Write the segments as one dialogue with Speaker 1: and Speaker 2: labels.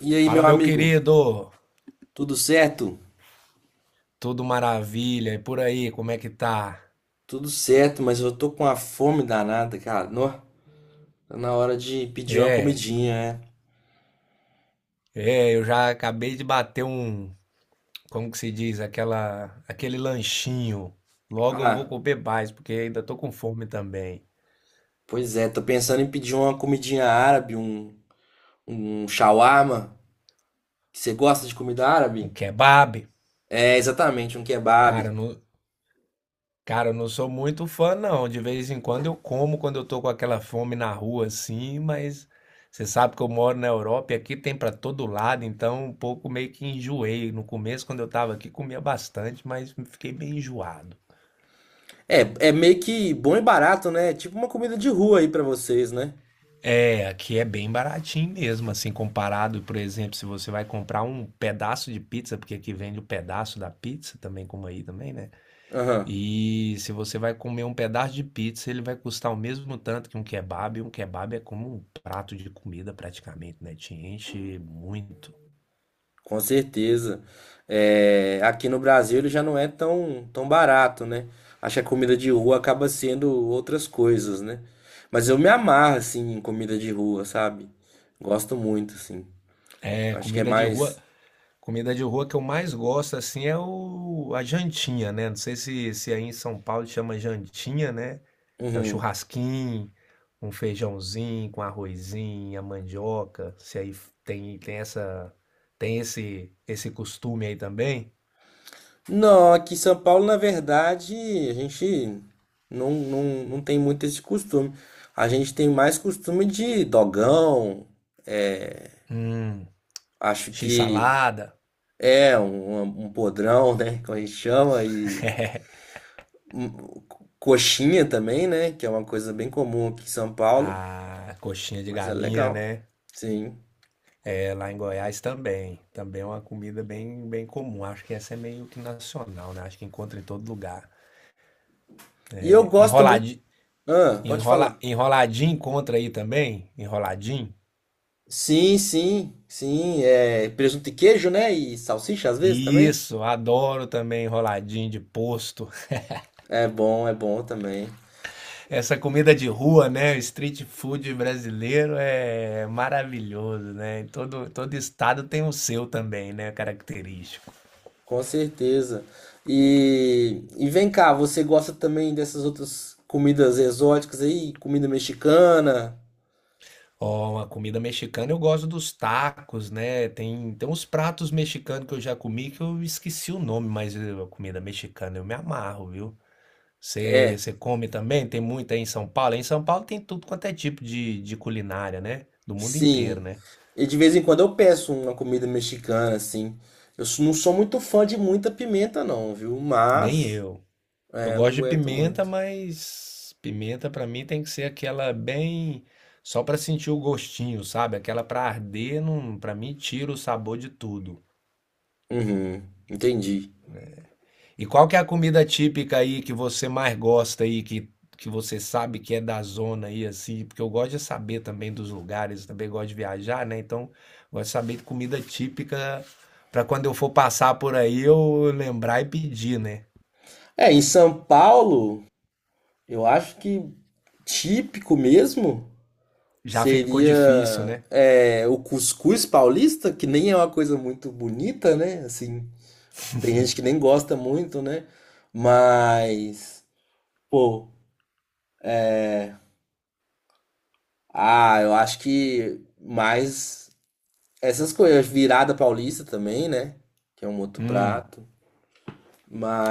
Speaker 1: E aí, meu
Speaker 2: Fala, meu
Speaker 1: amigo,
Speaker 2: querido!
Speaker 1: tudo certo?
Speaker 2: Tudo maravilha? E por aí, como é que tá?
Speaker 1: Tudo certo, mas eu tô com uma fome danada, cara. Nó, tá na hora de pedir uma
Speaker 2: É,
Speaker 1: comidinha, né?
Speaker 2: eu já acabei de bater como que se diz, aquele lanchinho. Logo eu vou
Speaker 1: Ah,
Speaker 2: comer mais, porque ainda tô com fome também.
Speaker 1: pois é, tô pensando em pedir uma comidinha árabe, um shawarma. Você gosta de comida
Speaker 2: Um
Speaker 1: árabe?
Speaker 2: kebab.
Speaker 1: É, exatamente, um kebab.
Speaker 2: Cara, não, Cara, eu não sou muito fã, não. De vez em quando eu como quando eu tô com aquela fome na rua, assim, mas você sabe que eu moro na Europa e aqui tem pra todo lado, então um pouco meio que enjoei. No começo, quando eu tava aqui, comia bastante, mas fiquei bem enjoado.
Speaker 1: É, é meio que bom e barato, né? Tipo uma comida de rua aí pra vocês, né?
Speaker 2: É, aqui é bem baratinho mesmo, assim, comparado, por exemplo, se você vai comprar um pedaço de pizza, porque aqui vende o pedaço da pizza também, como aí também, né?
Speaker 1: Aham.
Speaker 2: E se você vai comer um pedaço de pizza, ele vai custar o mesmo tanto que um kebab. E um kebab é como um prato de comida praticamente, né? Te enche muito.
Speaker 1: Com certeza. É, aqui no Brasil ele já não é tão, tão barato, né? Acho que a comida de rua acaba sendo outras coisas, né? Mas eu me amarro, assim, em comida de rua, sabe? Gosto muito, assim.
Speaker 2: É,
Speaker 1: Acho que é
Speaker 2: comida de rua,
Speaker 1: mais.
Speaker 2: comida de rua que eu mais gosto assim é o a jantinha, né? Não sei se aí em São Paulo chama jantinha, né? É o
Speaker 1: Uhum.
Speaker 2: churrasquinho, um feijãozinho com arrozinho, a mandioca. Se aí tem tem essa tem esse costume aí também.
Speaker 1: Não, aqui em São Paulo, na verdade, a gente não, não tem muito esse costume. A gente tem mais costume de dogão, é,
Speaker 2: Hum,
Speaker 1: acho que
Speaker 2: x-salada.
Speaker 1: é um um podrão, né? Como a gente chama, e Hum, coxinha também, né? Que é uma coisa bem comum aqui em São Paulo,
Speaker 2: A coxinha de
Speaker 1: mas é
Speaker 2: galinha,
Speaker 1: legal.
Speaker 2: né?
Speaker 1: Sim.
Speaker 2: É lá em Goiás também. Também é uma comida bem, bem comum. Acho que essa é meio que nacional, né? Acho que encontra em todo lugar.
Speaker 1: E eu gosto muito.
Speaker 2: Enroladinho,
Speaker 1: Ah, pode falar.
Speaker 2: enroladinho encontra aí também? Enroladinho?
Speaker 1: Sim, sim, sim. É presunto e queijo, né? E salsicha às vezes também.
Speaker 2: Isso, adoro também enroladinho de posto.
Speaker 1: É bom também.
Speaker 2: Essa comida de rua, né? O street food brasileiro é maravilhoso, né? Todo estado tem o seu também, né? Característico.
Speaker 1: Com certeza. E vem cá, você gosta também dessas outras comidas exóticas aí? Comida mexicana?
Speaker 2: Ó, a comida mexicana eu gosto dos tacos, né? Tem uns pratos mexicanos que eu já comi que eu esqueci o nome, mas a comida mexicana eu me amarro, viu?
Speaker 1: É,
Speaker 2: Você come também? Tem muito aí em São Paulo? Em São Paulo tem tudo quanto é tipo de culinária, né? Do mundo inteiro,
Speaker 1: sim.
Speaker 2: né?
Speaker 1: E de vez em quando eu peço uma comida mexicana, assim. Eu não sou muito fã de muita pimenta, não, viu?
Speaker 2: Nem
Speaker 1: Mas,
Speaker 2: eu. Eu
Speaker 1: é, não
Speaker 2: gosto de
Speaker 1: aguento
Speaker 2: pimenta,
Speaker 1: muito.
Speaker 2: mas pimenta pra mim tem que ser aquela bem. Só pra sentir o gostinho, sabe? Aquela pra arder, não, para mim tira o sabor de tudo.
Speaker 1: Uhum, entendi.
Speaker 2: E qual que é a comida típica aí que você mais gosta aí, que você sabe que é da zona aí, assim? Porque eu gosto de saber também dos lugares, também gosto de viajar, né? Então, gosto de saber de comida típica para quando eu for passar por aí eu lembrar e pedir, né?
Speaker 1: É, em São Paulo, eu acho que típico mesmo
Speaker 2: Já ficou difícil,
Speaker 1: seria
Speaker 2: né?
Speaker 1: é, o cuscuz paulista, que nem é uma coisa muito bonita, né? Assim, tem gente que nem gosta muito, né? Mas, pô, ah, eu acho que mais. Essas coisas, virada paulista também, né? Que é um outro
Speaker 2: Hum.
Speaker 1: prato.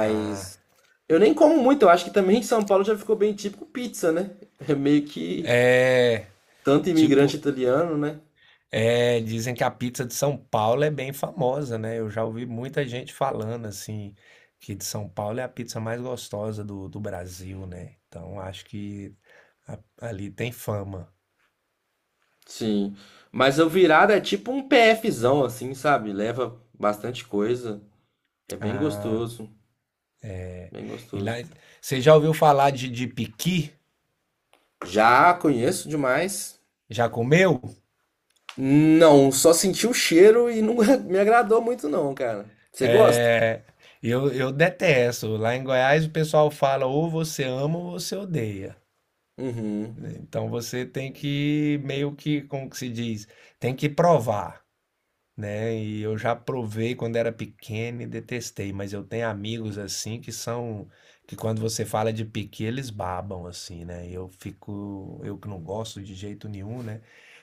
Speaker 2: Ah.
Speaker 1: eu nem como muito, eu acho que também em São Paulo já ficou bem típico pizza, né? É meio que
Speaker 2: É.
Speaker 1: tanto imigrante
Speaker 2: Tipo,
Speaker 1: italiano, né?
Speaker 2: é, dizem que a pizza de São Paulo é bem famosa, né? Eu já ouvi muita gente falando assim que de São Paulo é a pizza mais gostosa do Brasil, né? Então acho que a- ali tem fama.
Speaker 1: Sim. Mas o virada é tipo um PFzão, assim, sabe? Leva bastante coisa. É bem
Speaker 2: Ah,
Speaker 1: gostoso. Bem
Speaker 2: e lá,
Speaker 1: gostoso.
Speaker 2: você já ouviu falar de piqui?
Speaker 1: Já conheço demais.
Speaker 2: Já comeu?
Speaker 1: Não, só senti o cheiro e não me agradou muito, não, cara. Você gosta?
Speaker 2: É, eu detesto. Lá em Goiás o pessoal fala ou você ama ou você odeia.
Speaker 1: Uhum.
Speaker 2: Né? Então você tem que meio que, como que se diz, tem que provar. Né? E eu já provei quando era pequeno e detestei, mas eu tenho amigos assim que quando você fala de piqui, eles babam assim, né? E eu fico, eu que não gosto de jeito nenhum, né?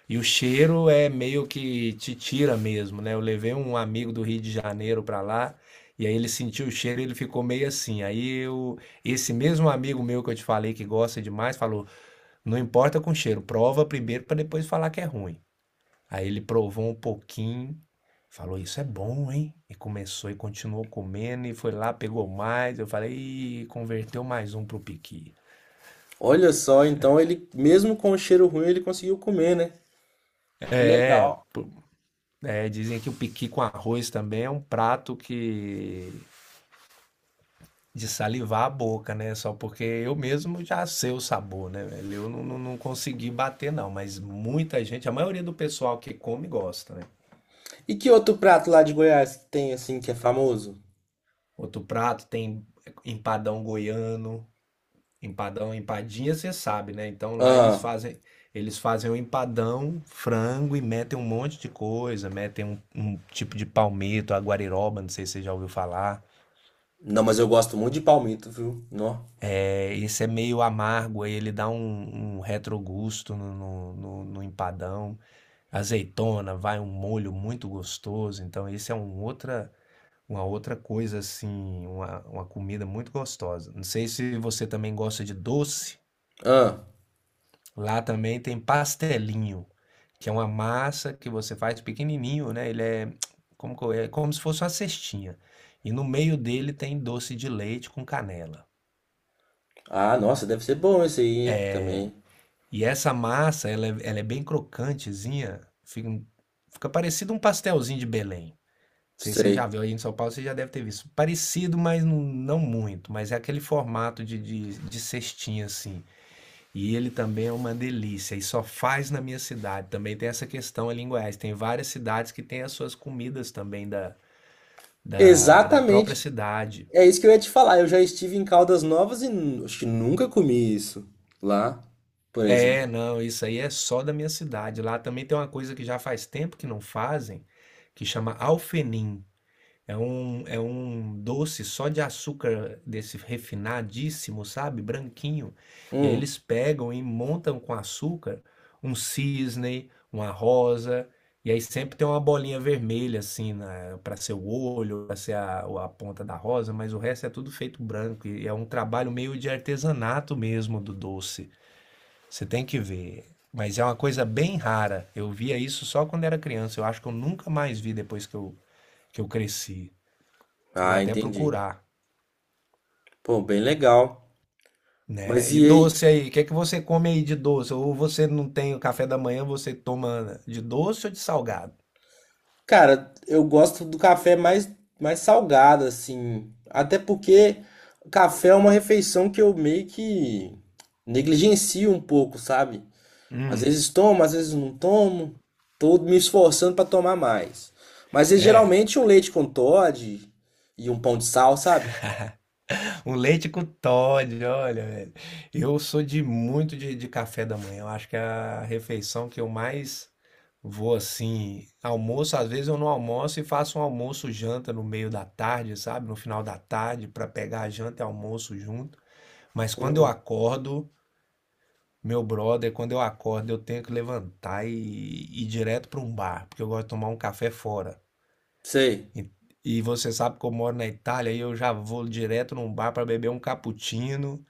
Speaker 2: E o cheiro é meio que te tira mesmo, né? Eu levei um amigo do Rio de Janeiro pra lá e aí ele sentiu o cheiro e ele ficou meio assim. Esse mesmo amigo meu que eu te falei que gosta demais, falou: "Não importa com cheiro, prova primeiro pra depois falar que é ruim". Aí ele provou um pouquinho, falou: "Isso é bom, hein?" E começou e continuou comendo, e foi lá, pegou mais. Eu falei: "Ih, converteu mais um pro piqui."
Speaker 1: Olha só, então ele, mesmo com o cheiro ruim, ele conseguiu comer, né? Que
Speaker 2: É,
Speaker 1: legal.
Speaker 2: pô, dizem que o piqui com arroz também é um prato que. De salivar a boca, né? Só porque eu mesmo já sei o sabor, né, velho? Eu não consegui bater, não. Mas muita gente, a maioria do pessoal que come gosta, né?
Speaker 1: E que outro prato lá de Goiás que tem, assim, que é famoso?
Speaker 2: Outro prato tem empadão goiano. Empadão, empadinha, você sabe, né?
Speaker 1: Ah,
Speaker 2: Eles fazem um empadão, frango e metem um monte de coisa, metem um tipo de palmito, aguariroba, não sei se você já ouviu falar.
Speaker 1: não, mas eu gosto muito de palmito, viu? Nó.
Speaker 2: É, esse é meio amargo, aí ele dá um retrogusto no empadão. Azeitona, vai um molho muito gostoso. Então esse é um outra, uma outra coisa assim, uma comida muito gostosa. Não sei se você também gosta de doce.
Speaker 1: Ah,
Speaker 2: Lá também tem pastelinho, que é uma massa que você faz pequenininho, né? Ele é é como se fosse uma cestinha. E no meio dele tem doce de leite com canela.
Speaker 1: ah, nossa, deve ser bom esse aí, hein? Também.
Speaker 2: E essa massa, ela é bem crocantezinha, fica, um, fica parecido um pastelzinho de Belém. Não sei se você
Speaker 1: Sei.
Speaker 2: já viu aí em São Paulo, você já deve ter visto. Parecido, mas não muito. Mas é aquele formato de cestinha assim. E ele também é uma delícia e só faz na minha cidade. Também tem essa questão ali em Goiás. Tem várias cidades que têm as suas comidas também da própria
Speaker 1: Exatamente.
Speaker 2: cidade.
Speaker 1: É isso que eu ia te falar. Eu já estive em Caldas Novas e acho que nunca comi isso lá, por
Speaker 2: É,
Speaker 1: exemplo.
Speaker 2: não, isso aí é só da minha cidade. Lá também tem uma coisa que já faz tempo que não fazem, que chama alfenim. É um doce só de açúcar desse refinadíssimo, sabe? Branquinho. E aí
Speaker 1: Hum.
Speaker 2: eles pegam e montam com açúcar um cisne, uma rosa, e aí sempre tem uma bolinha vermelha assim para ser o olho, para ser a ponta da rosa, mas o resto é tudo feito branco. E é um trabalho meio de artesanato mesmo do doce. Você tem que ver. Mas é uma coisa bem rara. Eu via isso só quando era criança. Eu acho que eu nunca mais vi depois que eu cresci. Vou
Speaker 1: Ah,
Speaker 2: até
Speaker 1: entendi.
Speaker 2: procurar,
Speaker 1: Pô, bem legal.
Speaker 2: né?
Speaker 1: Mas
Speaker 2: E
Speaker 1: e aí?
Speaker 2: doce aí, o que é que você come aí de doce? Ou você não tem o café da manhã, você toma de doce ou de salgado?
Speaker 1: Cara, eu gosto do café mais, mais salgado, assim. Até porque café é uma refeição que eu meio que negligencio um pouco, sabe? Às
Speaker 2: Hum,
Speaker 1: vezes tomo, às vezes não tomo. Tô me esforçando pra tomar mais. Mas é
Speaker 2: é.
Speaker 1: geralmente um leite com Toddy e um pão de sal, sabe?
Speaker 2: Um leite com Toddy, olha, velho. Eu sou de muito de café da manhã. Eu acho que é a refeição que eu mais vou assim. Almoço, às vezes eu não almoço e faço um almoço janta no meio da tarde, sabe? No final da tarde, para pegar a janta e almoço junto. Mas quando eu
Speaker 1: Hum,
Speaker 2: acordo, Meu brother, quando eu acordo, eu tenho que levantar e ir direto para um bar, porque eu gosto de tomar um café fora.
Speaker 1: sei.
Speaker 2: E, você sabe que eu moro na Itália e eu já vou direto num bar para beber um cappuccino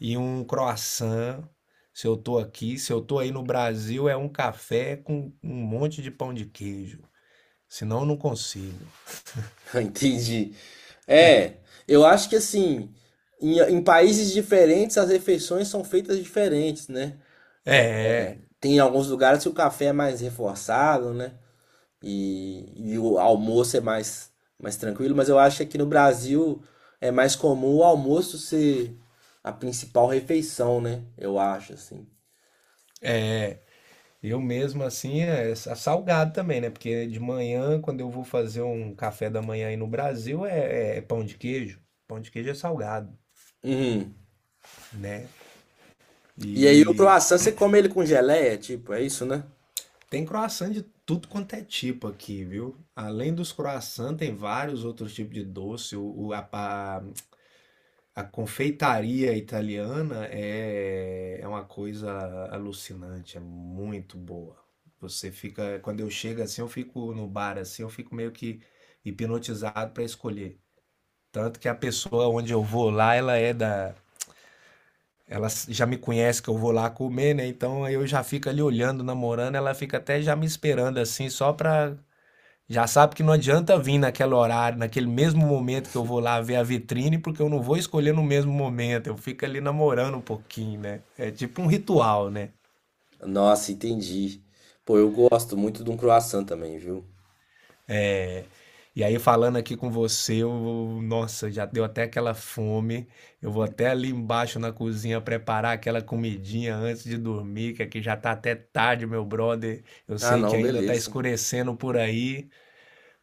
Speaker 2: e um croissant. Se eu tô aqui, se eu tô aí no Brasil, é um café com um monte de pão de queijo. Senão eu não consigo.
Speaker 1: Entendi. É, eu acho que assim, em países diferentes as refeições são feitas diferentes, né?
Speaker 2: É. é.
Speaker 1: Tem alguns lugares que o café é mais reforçado, né? E o almoço é mais, mais tranquilo, mas eu acho que aqui no Brasil é mais comum o almoço ser a principal refeição, né? Eu acho, assim.
Speaker 2: Eu mesmo assim é salgado também, né? Porque de manhã, quando eu vou fazer um café da manhã aí no Brasil, é pão de queijo. Pão de queijo é salgado,
Speaker 1: Uhum.
Speaker 2: né?
Speaker 1: E aí o
Speaker 2: E
Speaker 1: croissant você come ele com geleia, tipo, é isso, né?
Speaker 2: tem croissant de tudo quanto é tipo aqui, viu? Além dos croissants, tem vários outros tipos de doce. A confeitaria italiana é uma coisa alucinante, é muito boa. Você fica, quando eu chego assim, eu fico no bar assim, eu fico meio que hipnotizado para escolher. Tanto que a pessoa onde eu vou lá, ela já me conhece que eu vou lá comer, né? Então eu já fico ali olhando, namorando, ela fica até já me esperando assim, só para já sabe que não adianta vir naquele horário, naquele mesmo momento que eu vou lá ver a vitrine, porque eu não vou escolher no mesmo momento. Eu fico ali namorando um pouquinho, né? É tipo um ritual, né?
Speaker 1: Nossa, entendi. Pô, eu gosto muito de um croissant também, viu?
Speaker 2: E aí, falando aqui com você, eu, nossa, já deu até aquela fome. Eu vou até ali embaixo na cozinha preparar aquela comidinha antes de dormir, que aqui já tá até tarde, meu brother. Eu
Speaker 1: Ah,
Speaker 2: sei que
Speaker 1: não,
Speaker 2: ainda tá
Speaker 1: beleza.
Speaker 2: escurecendo por aí.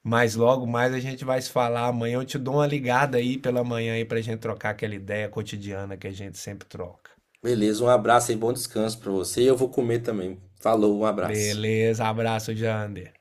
Speaker 2: Mas logo mais a gente vai se falar amanhã. Eu te dou uma ligada aí pela manhã aí pra gente trocar aquela ideia cotidiana que a gente sempre troca.
Speaker 1: Beleza, um abraço e bom descanso pra você. E eu vou comer também. Falou, um abraço.
Speaker 2: Beleza, abraço, Jander.